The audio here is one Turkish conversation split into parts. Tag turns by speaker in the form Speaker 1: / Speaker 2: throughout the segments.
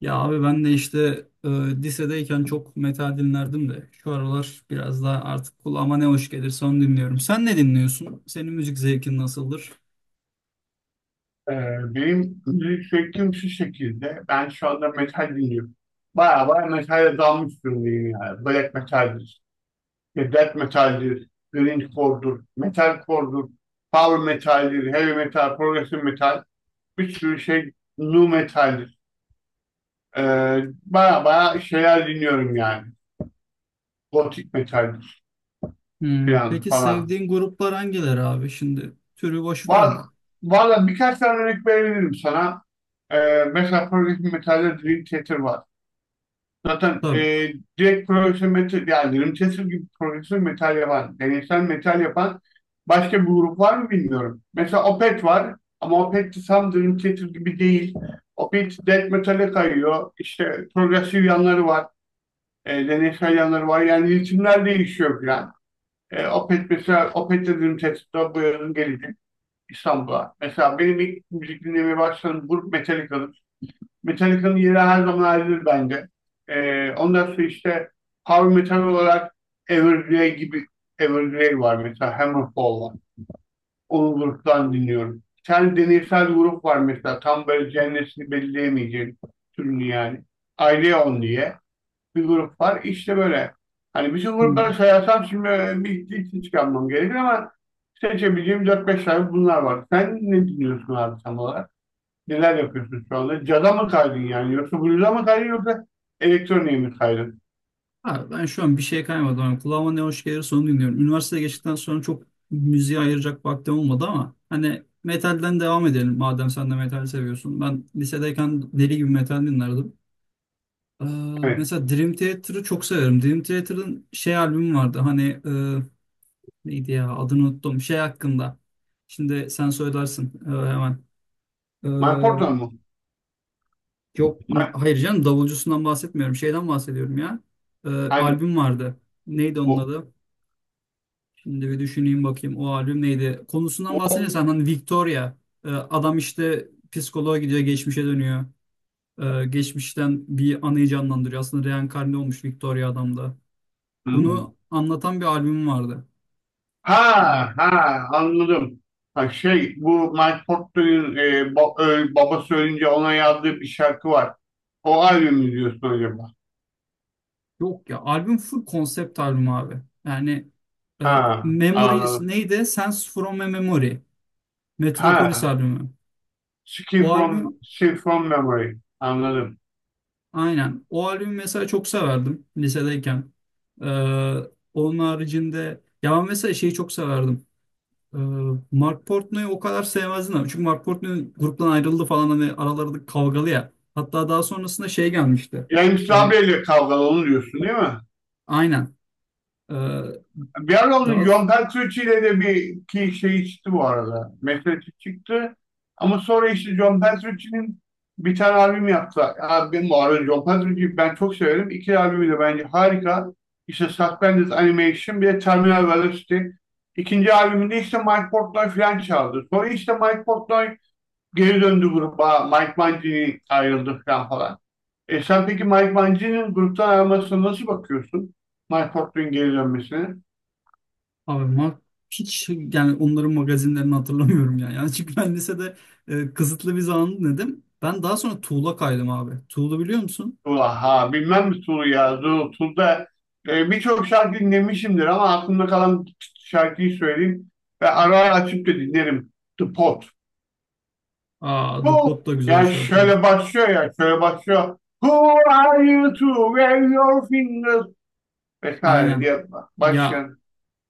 Speaker 1: Ya abi ben de işte lisedeyken çok metal dinlerdim de şu aralar biraz daha artık kulağıma ne hoş gelirse onu dinliyorum. Sen ne dinliyorsun? Senin müzik zevkin nasıldır?
Speaker 2: Ee, Benim müzik zevkim şu şekilde. Ben şu anda metal dinliyorum. Baya baya metale dalmış durumdayım yani. Black metaldir, işte death metaldir, grindcore'dur, metalcore'dur, power metaldir, heavy metal, progressive metal. Bir sürü şey nu metaldir. Ee, Baya baya şeyler dinliyorum yani. Gothic metaldir falan
Speaker 1: Peki
Speaker 2: falan.
Speaker 1: sevdiğin gruplar hangileri abi? Şimdi türü boş
Speaker 2: Var,
Speaker 1: vardı.
Speaker 2: valla birkaç tane örnek verebilirim sana. Mesela progressive metalde Dream Theater var. Zaten
Speaker 1: Tabii.
Speaker 2: direkt profesyonel metal, yani Rimchester gibi profesyonel metal yapan, deneysel metal yapan başka bir grup var mı bilmiyorum. Mesela Opeth var ama Opeth de tam Rimchester gibi değil. Opeth death metal'e kayıyor. İşte progresif yanları var, deneysel yanları var. Yani ritimler değişiyor falan. Opeth mesela, Opeth de Rimchester'da bu yazın gelecek İstanbul'a. Mesela benim ilk müzik dinlemeye başladığım grup Metallica'dır. Metallica'nın yeri her zaman ayrıdır bende. Ondan sonra işte power metal olarak Evergrey gibi Evergrey var mesela Hammerfall var. Onun gruptan dinliyorum. Sen deneysel grup var mesela tam böyle cennesini belirleyemeyeceğin türünü yani. Aileon diye bir grup var. İşte böyle. Hani bütün grupları
Speaker 1: Hmm.
Speaker 2: sayarsam şimdi bir hiç çıkarmam gerekir ama seçebileceğim 4-5 tane bunlar var. Sen ne dinliyorsun abi tam olarak? Neler yapıyorsun şu anda? Cada mı kaydın yani? Yoksa Blues'a mı kaydın yoksa elektroniğe mi kaydın?
Speaker 1: Abi ben şu an bir şey kaymadım. Yani kulağıma ne hoş gelirse onu dinliyorum. Üniversiteye geçtikten sonra çok müziğe ayıracak vaktim olmadı ama hani metalden devam edelim madem sen de metal seviyorsun. Ben lisedeyken deli gibi metal dinlerdim. Ee,
Speaker 2: Evet.
Speaker 1: mesela Dream Theater'ı çok severim. Dream Theater'ın şey albümü vardı. Hani neydi ya adını unuttum. Şey hakkında. Şimdi sen söylersin, hemen.
Speaker 2: My Portal
Speaker 1: Ee,
Speaker 2: mı?
Speaker 1: yok ma-
Speaker 2: My,
Speaker 1: hayır canım, davulcusundan bahsetmiyorum. Şeyden bahsediyorum ya. Ee,
Speaker 2: hani,
Speaker 1: albüm vardı. Neydi onun
Speaker 2: o,
Speaker 1: adı? Şimdi bir düşüneyim bakayım, o albüm neydi? Konusundan
Speaker 2: o-
Speaker 1: bahsedersen hani Victoria. Adam işte psikoloğa gidiyor, geçmişe dönüyor. Geçmişten bir anıyı canlandırıyor. Aslında reenkarne olmuş Victoria adam da. Bunu anlatan bir albüm vardı. Şimdi bak-
Speaker 2: Ha ha anladım. Ha şey bu Mike Portnoy'un babası ölünce ona yazdığı bir şarkı var. O albümü diyorsun acaba?
Speaker 1: Yok ya, albüm full konsept albüm abi. E,
Speaker 2: Ha
Speaker 1: Memory
Speaker 2: anladım.
Speaker 1: neydi? Sense from a Memory. Metropolis
Speaker 2: Ha
Speaker 1: albümü.
Speaker 2: Skin
Speaker 1: O
Speaker 2: from
Speaker 1: albüm,
Speaker 2: Skin from Memory anladım.
Speaker 1: aynen. O albümü mesela çok severdim lisedeyken. E, onun haricinde ya, ben mesela şeyi çok severdim. E, Mark Portnoy'u o kadar sevmezdim ama. Çünkü Mark Portnoy gruptan ayrıldı falan, hani araları kavgalı ya. Hatta daha sonrasında şey gelmişti.
Speaker 2: James
Speaker 1: E,
Speaker 2: Labrie ile kavgalı onu diyorsun değil mi?
Speaker 1: aynen. E,
Speaker 2: Bir ara onun
Speaker 1: daha
Speaker 2: John Petrucci ile de bir ki şey çıktı bu arada. Meselesi çıktı. Ama sonra işte John Petrucci'nin bir tane albüm yaptı. Ya benim bu arada John Petrucci'yi ben çok severim. İki albümü de bence harika. İşte Suspended Animation bir de Terminal Velocity. İkinci albümünde işte Mike Portnoy falan çaldı. Sonra işte Mike Portnoy geri döndü gruba. Mike Mangini ayrıldı falan falan. Sen peki Mike Mangini'nin gruptan ayrılmasına nasıl bakıyorsun? Mike Portnoy'un geri dönmesine?
Speaker 1: Abi Mark, hiç yani onların magazinlerini hatırlamıyorum ya. Yani çünkü ben lisede kısıtlı bir zaman dedim. Ben daha sonra Tool'a kaydım abi. Tool'u biliyor musun?
Speaker 2: Ha, bilmem mi Tulu ya? Tul'da birçok şarkı dinlemişimdir ama aklımda kalan şarkıyı söyleyeyim ve ara ara açıp da dinlerim. The Pot.
Speaker 1: Aa, The
Speaker 2: Bu
Speaker 1: Pot da güzel
Speaker 2: yani
Speaker 1: şarkılar.
Speaker 2: şöyle başlıyor ya şöyle başlıyor. Who are you to wave your fingers vesaire
Speaker 1: Aynen.
Speaker 2: diye
Speaker 1: Ya
Speaker 2: başlayan.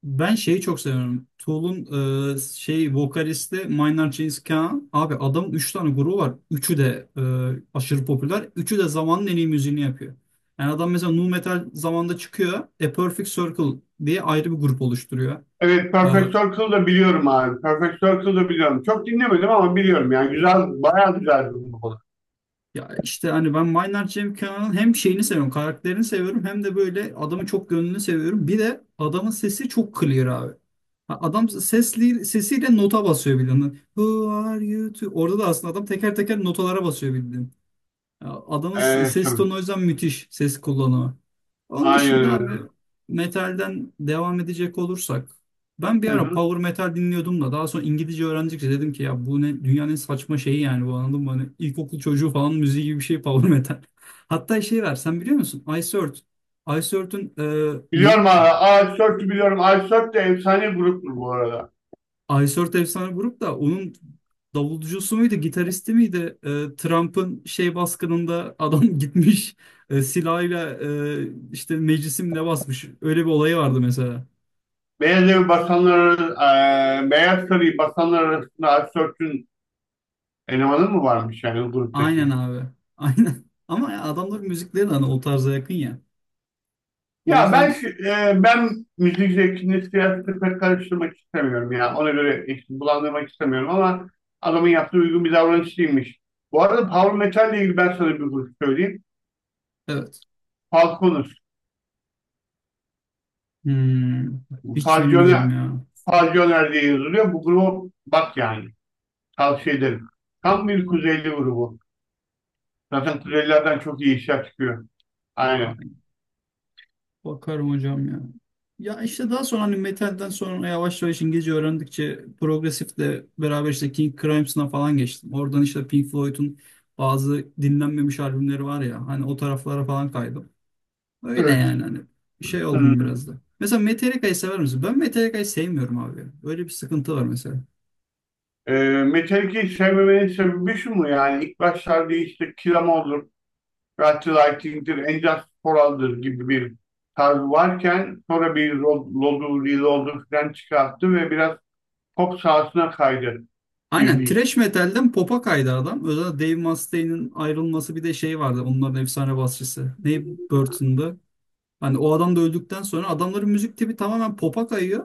Speaker 1: ben şeyi çok seviyorum. Tool'un şey vokalisti Maynard James Keenan. Abi adamın 3 tane grubu var. Üçü de aşırı popüler. Üçü de zamanın en iyi müziğini yapıyor. Yani adam mesela nu metal zamanında çıkıyor. A Perfect Circle diye ayrı bir grup oluşturuyor.
Speaker 2: Evet,
Speaker 1: Ee,
Speaker 2: Perfect Circle da biliyorum abi. Perfect Circle da biliyorum. Çok dinlemedim ama biliyorum yani güzel bayağı güzel bir grup.
Speaker 1: Ya işte hani ben Maynard Cem Kenan'ın hem şeyini seviyorum, karakterini seviyorum, hem de böyle adamı çok gönlünü seviyorum. Bir de adamın sesi çok clear abi. Ha, Adam sesli, sesiyle nota basıyor bildiğin. Who are you to? Orada da aslında adam teker teker notalara basıyor bildiğin. Adamın
Speaker 2: Evet,
Speaker 1: ses
Speaker 2: evet.
Speaker 1: tonu, o yüzden müthiş ses kullanımı. Onun
Speaker 2: Aynen
Speaker 1: dışında
Speaker 2: öyle.
Speaker 1: abi, metalden devam edecek olursak ben bir
Speaker 2: Hı
Speaker 1: ara
Speaker 2: hı.
Speaker 1: power metal dinliyordum da daha sonra İngilizce öğrendikçe dedim ki ya bu ne dünyanın en saçma şeyi yani bu, anladın mı? Hani ilkokul çocuğu falan müziği gibi bir şey power metal. Hatta şey var, sen biliyor musun? Ice Earth. Ice Earth'ün neyi?
Speaker 2: Biliyorum abi. Ice biliyorum. Ice de efsane gruptur bu arada.
Speaker 1: Aysort efsane grup da, onun davulcusu muydu, gitaristi miydi? Trump'ın şey baskınında adam gitmiş silahıyla işte meclisimle basmış. Öyle bir olayı vardı mesela.
Speaker 2: Beyaz Evi basanlar, Beyaz Sarayı basanlar arasında Ice elemanı mı varmış yani gruptaki?
Speaker 1: Aynen abi. Aynen. Ama ya adamların müzikleri de hani o tarza yakın ya. O yüzden
Speaker 2: Ben müzik zevkini siyasetle pek karıştırmak istemiyorum ya. Ona göre eşit bulandırmak istemiyorum ama adamın yaptığı uygun bir davranış değilmiş. Bu arada Power Metal ile ilgili ben sana bir grup söyleyeyim.
Speaker 1: evet.
Speaker 2: Falconer.
Speaker 1: Hmm, hiç bilmiyorum
Speaker 2: Falconer,
Speaker 1: ya.
Speaker 2: Falconer diye yazılıyor. Bu gruba bak yani. Tavsiye ederim. Tam bir Kuzeyli grubu. Zaten Kuzeylilerden çok iyi işler çıkıyor. Aynen.
Speaker 1: Bakarım hocam ya. Ya işte daha sonra hani metalden sonra yavaş yavaş İngilizce öğrendikçe progresifle beraber işte King Crimson'a falan geçtim. Oradan işte Pink Floyd'un bazı dinlenmemiş albümleri var ya, hani o taraflara falan kaydım. Öyle
Speaker 2: Evet.
Speaker 1: yani, hani şey oldum
Speaker 2: Hmm.
Speaker 1: biraz da. Mesela Metallica'yı sever misin? Ben Metallica'yı sevmiyorum abi. Öyle bir sıkıntı var mesela.
Speaker 2: Ee, Metallica'yı sevmemenin sebebi şu mu yani? İlk başlarda işte Kill 'Em All'dur, Rat the Lightning'dir, And Just For All'dır gibi bir tarzı varken sonra bir Lod'u, Reload'u falan çıkarttı ve biraz pop sahasına kaydı gibi
Speaker 1: Aynen,
Speaker 2: bir.
Speaker 1: thrash metalden pop'a kaydı adam. Özellikle Dave Mustaine'in ayrılması, bir de şey vardı. Onların efsane basçısı, Dave Burton'da. Hani o adam da öldükten sonra adamların müzik tipi tamamen pop'a kayıyor.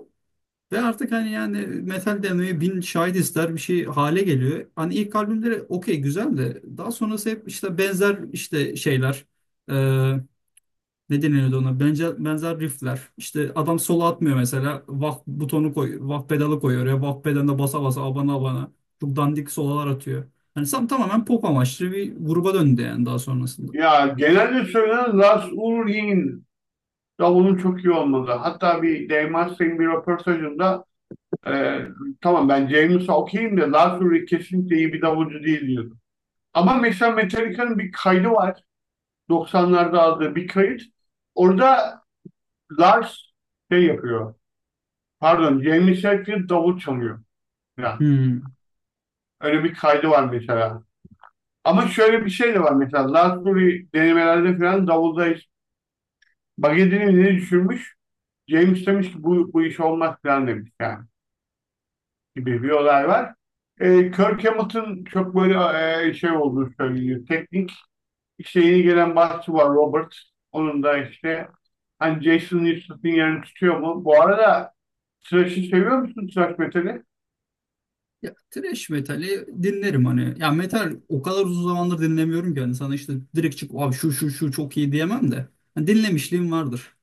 Speaker 1: Ve artık hani yani metal demeye bin şahit ister bir şey hale geliyor. Hani ilk albümleri okey güzel de daha sonrası hep işte benzer işte şeyler. Ee, ne deniyordu ona? Benzer, benzer riffler. İşte adam solo atmıyor mesela. Wah butonu koyuyor. Wah pedalı koyuyor. Ya wah pedalına basa basa, abana abana. Çok dandik sololar atıyor. Hani tamamen pop amaçlı bir gruba döndü yani daha sonrasında.
Speaker 2: Ya genelde söylenen Lars Ulrich'in davulun çok iyi olmadı. Hatta bir Dave Mustang bir röportajında Ee, tamam ben James'a okeyim de Lowry kesinlikle iyi bir davulcu değil diyordum. Ama mesela Metallica'nın bir kaydı var. 90'larda aldığı bir kayıt. Orada Lars şey yapıyor. Pardon, James Hetfield davul çalıyor. Yani
Speaker 1: Hmm.
Speaker 2: öyle bir kaydı var mesela. Ama şöyle bir şey de var mesela. Lars Ulrich denemelerde falan davulda hiç bagetini ne düşürmüş. James demiş ki bu iş olmaz falan demiş yani. Gibi bir olay var. Kirk Hamilton çok böyle şey olduğu söyleniyor. Teknik işte yeni gelen basçı var Robert. Onun da işte hani Jason Newstet'in yerini tutuyor mu? Bu arada Thrash'ı seviyor musun Thrash metali?
Speaker 1: Ya, trash metali dinlerim hani. Ya metal o kadar uzun zamandır dinlemiyorum ki hani sana işte direkt çık abi şu şu şu çok iyi diyemem de. Hani dinlemişliğim vardır.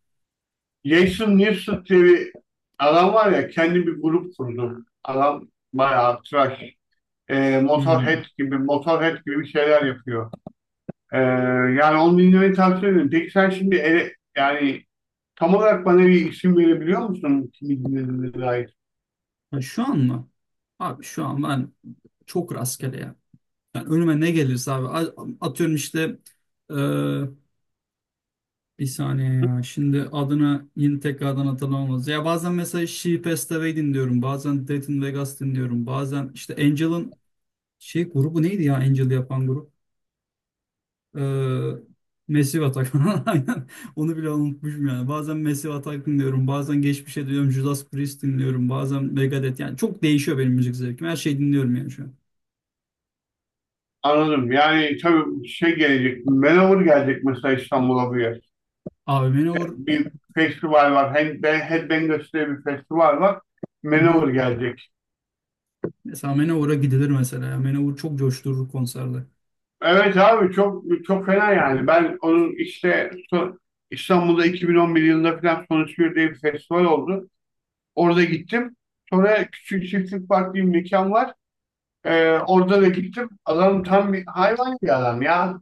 Speaker 2: Jason Newsted diye bir adam var ya kendi bir grup kurdu. Adam bayağı Thrash,
Speaker 1: Hmm.
Speaker 2: Motorhead gibi bir şeyler yapıyor. E, Yani onu dinlemeyi tavsiye ederim. Peki sen şimdi yani tam olarak bana bir isim verebiliyor musun kimi dinlediğine dair?
Speaker 1: Ha, şu an mı? Abi şu an ben çok rastgele ya. Yani önüme ne gelirse abi atıyorum işte, e, bir saniye ya, şimdi adını yine tekrardan hatırlamamız. Ya bazen mesela She Passed Away dinliyorum. Bazen Death in Vegas dinliyorum. Bazen işte Angel'ın şey grubu neydi ya, Angel yapan grup? Ee, Massive Attack. Aynen. Onu bile unutmuşum yani. Bazen Massive Attack dinliyorum. Bazen geçmişe dönüyorum. Judas Priest dinliyorum. Bazen Megadeth. Yani çok değişiyor benim müzik zevkim. Her şeyi dinliyorum yani şu an.
Speaker 2: Anladım. Yani tabii şey gelecek, Manowar gelecek mesela İstanbul'a bu yer.
Speaker 1: Abi Manowar.
Speaker 2: Bir festival var. Headbangers diye bir festival var.
Speaker 1: Hı hı.
Speaker 2: Manowar gelecek.
Speaker 1: Mesela Manowar'a gidilir mesela, ya. Manowar çok coşturur konserde.
Speaker 2: Evet abi çok çok fena yani. Ben onun işte İstanbul'da 2011 yılında falan Sonuç Bir diye bir festival oldu. Orada gittim. Sonra Küçük Çiftlik Park diye bir mekan var. Orada da gittim. Adam tam bir hayvan bir adam ya.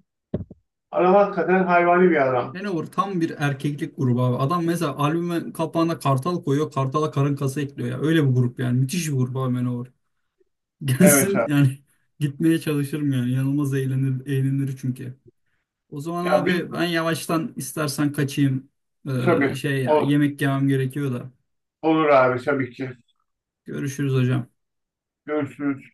Speaker 2: Adam hakikaten hayvani bir adam.
Speaker 1: Manowar tam bir erkeklik grubu abi. Adam mesela albüme kapağına kartal koyuyor. Kartala karın kası ekliyor ya. Öyle bir grup yani. Müthiş bir grup abi, Manowar.
Speaker 2: Evet
Speaker 1: Gelsin
Speaker 2: abi.
Speaker 1: yani, gitmeye çalışırım yani. Yanılmaz, eğlenir, eğlenir çünkü. O zaman
Speaker 2: Ya bir
Speaker 1: abi ben yavaştan istersen kaçayım.
Speaker 2: tabii.
Speaker 1: Şey ya,
Speaker 2: Ol-
Speaker 1: yemek yemem gerekiyor da.
Speaker 2: olur abi tabii ki.
Speaker 1: Görüşürüz hocam.
Speaker 2: Görüşürüz.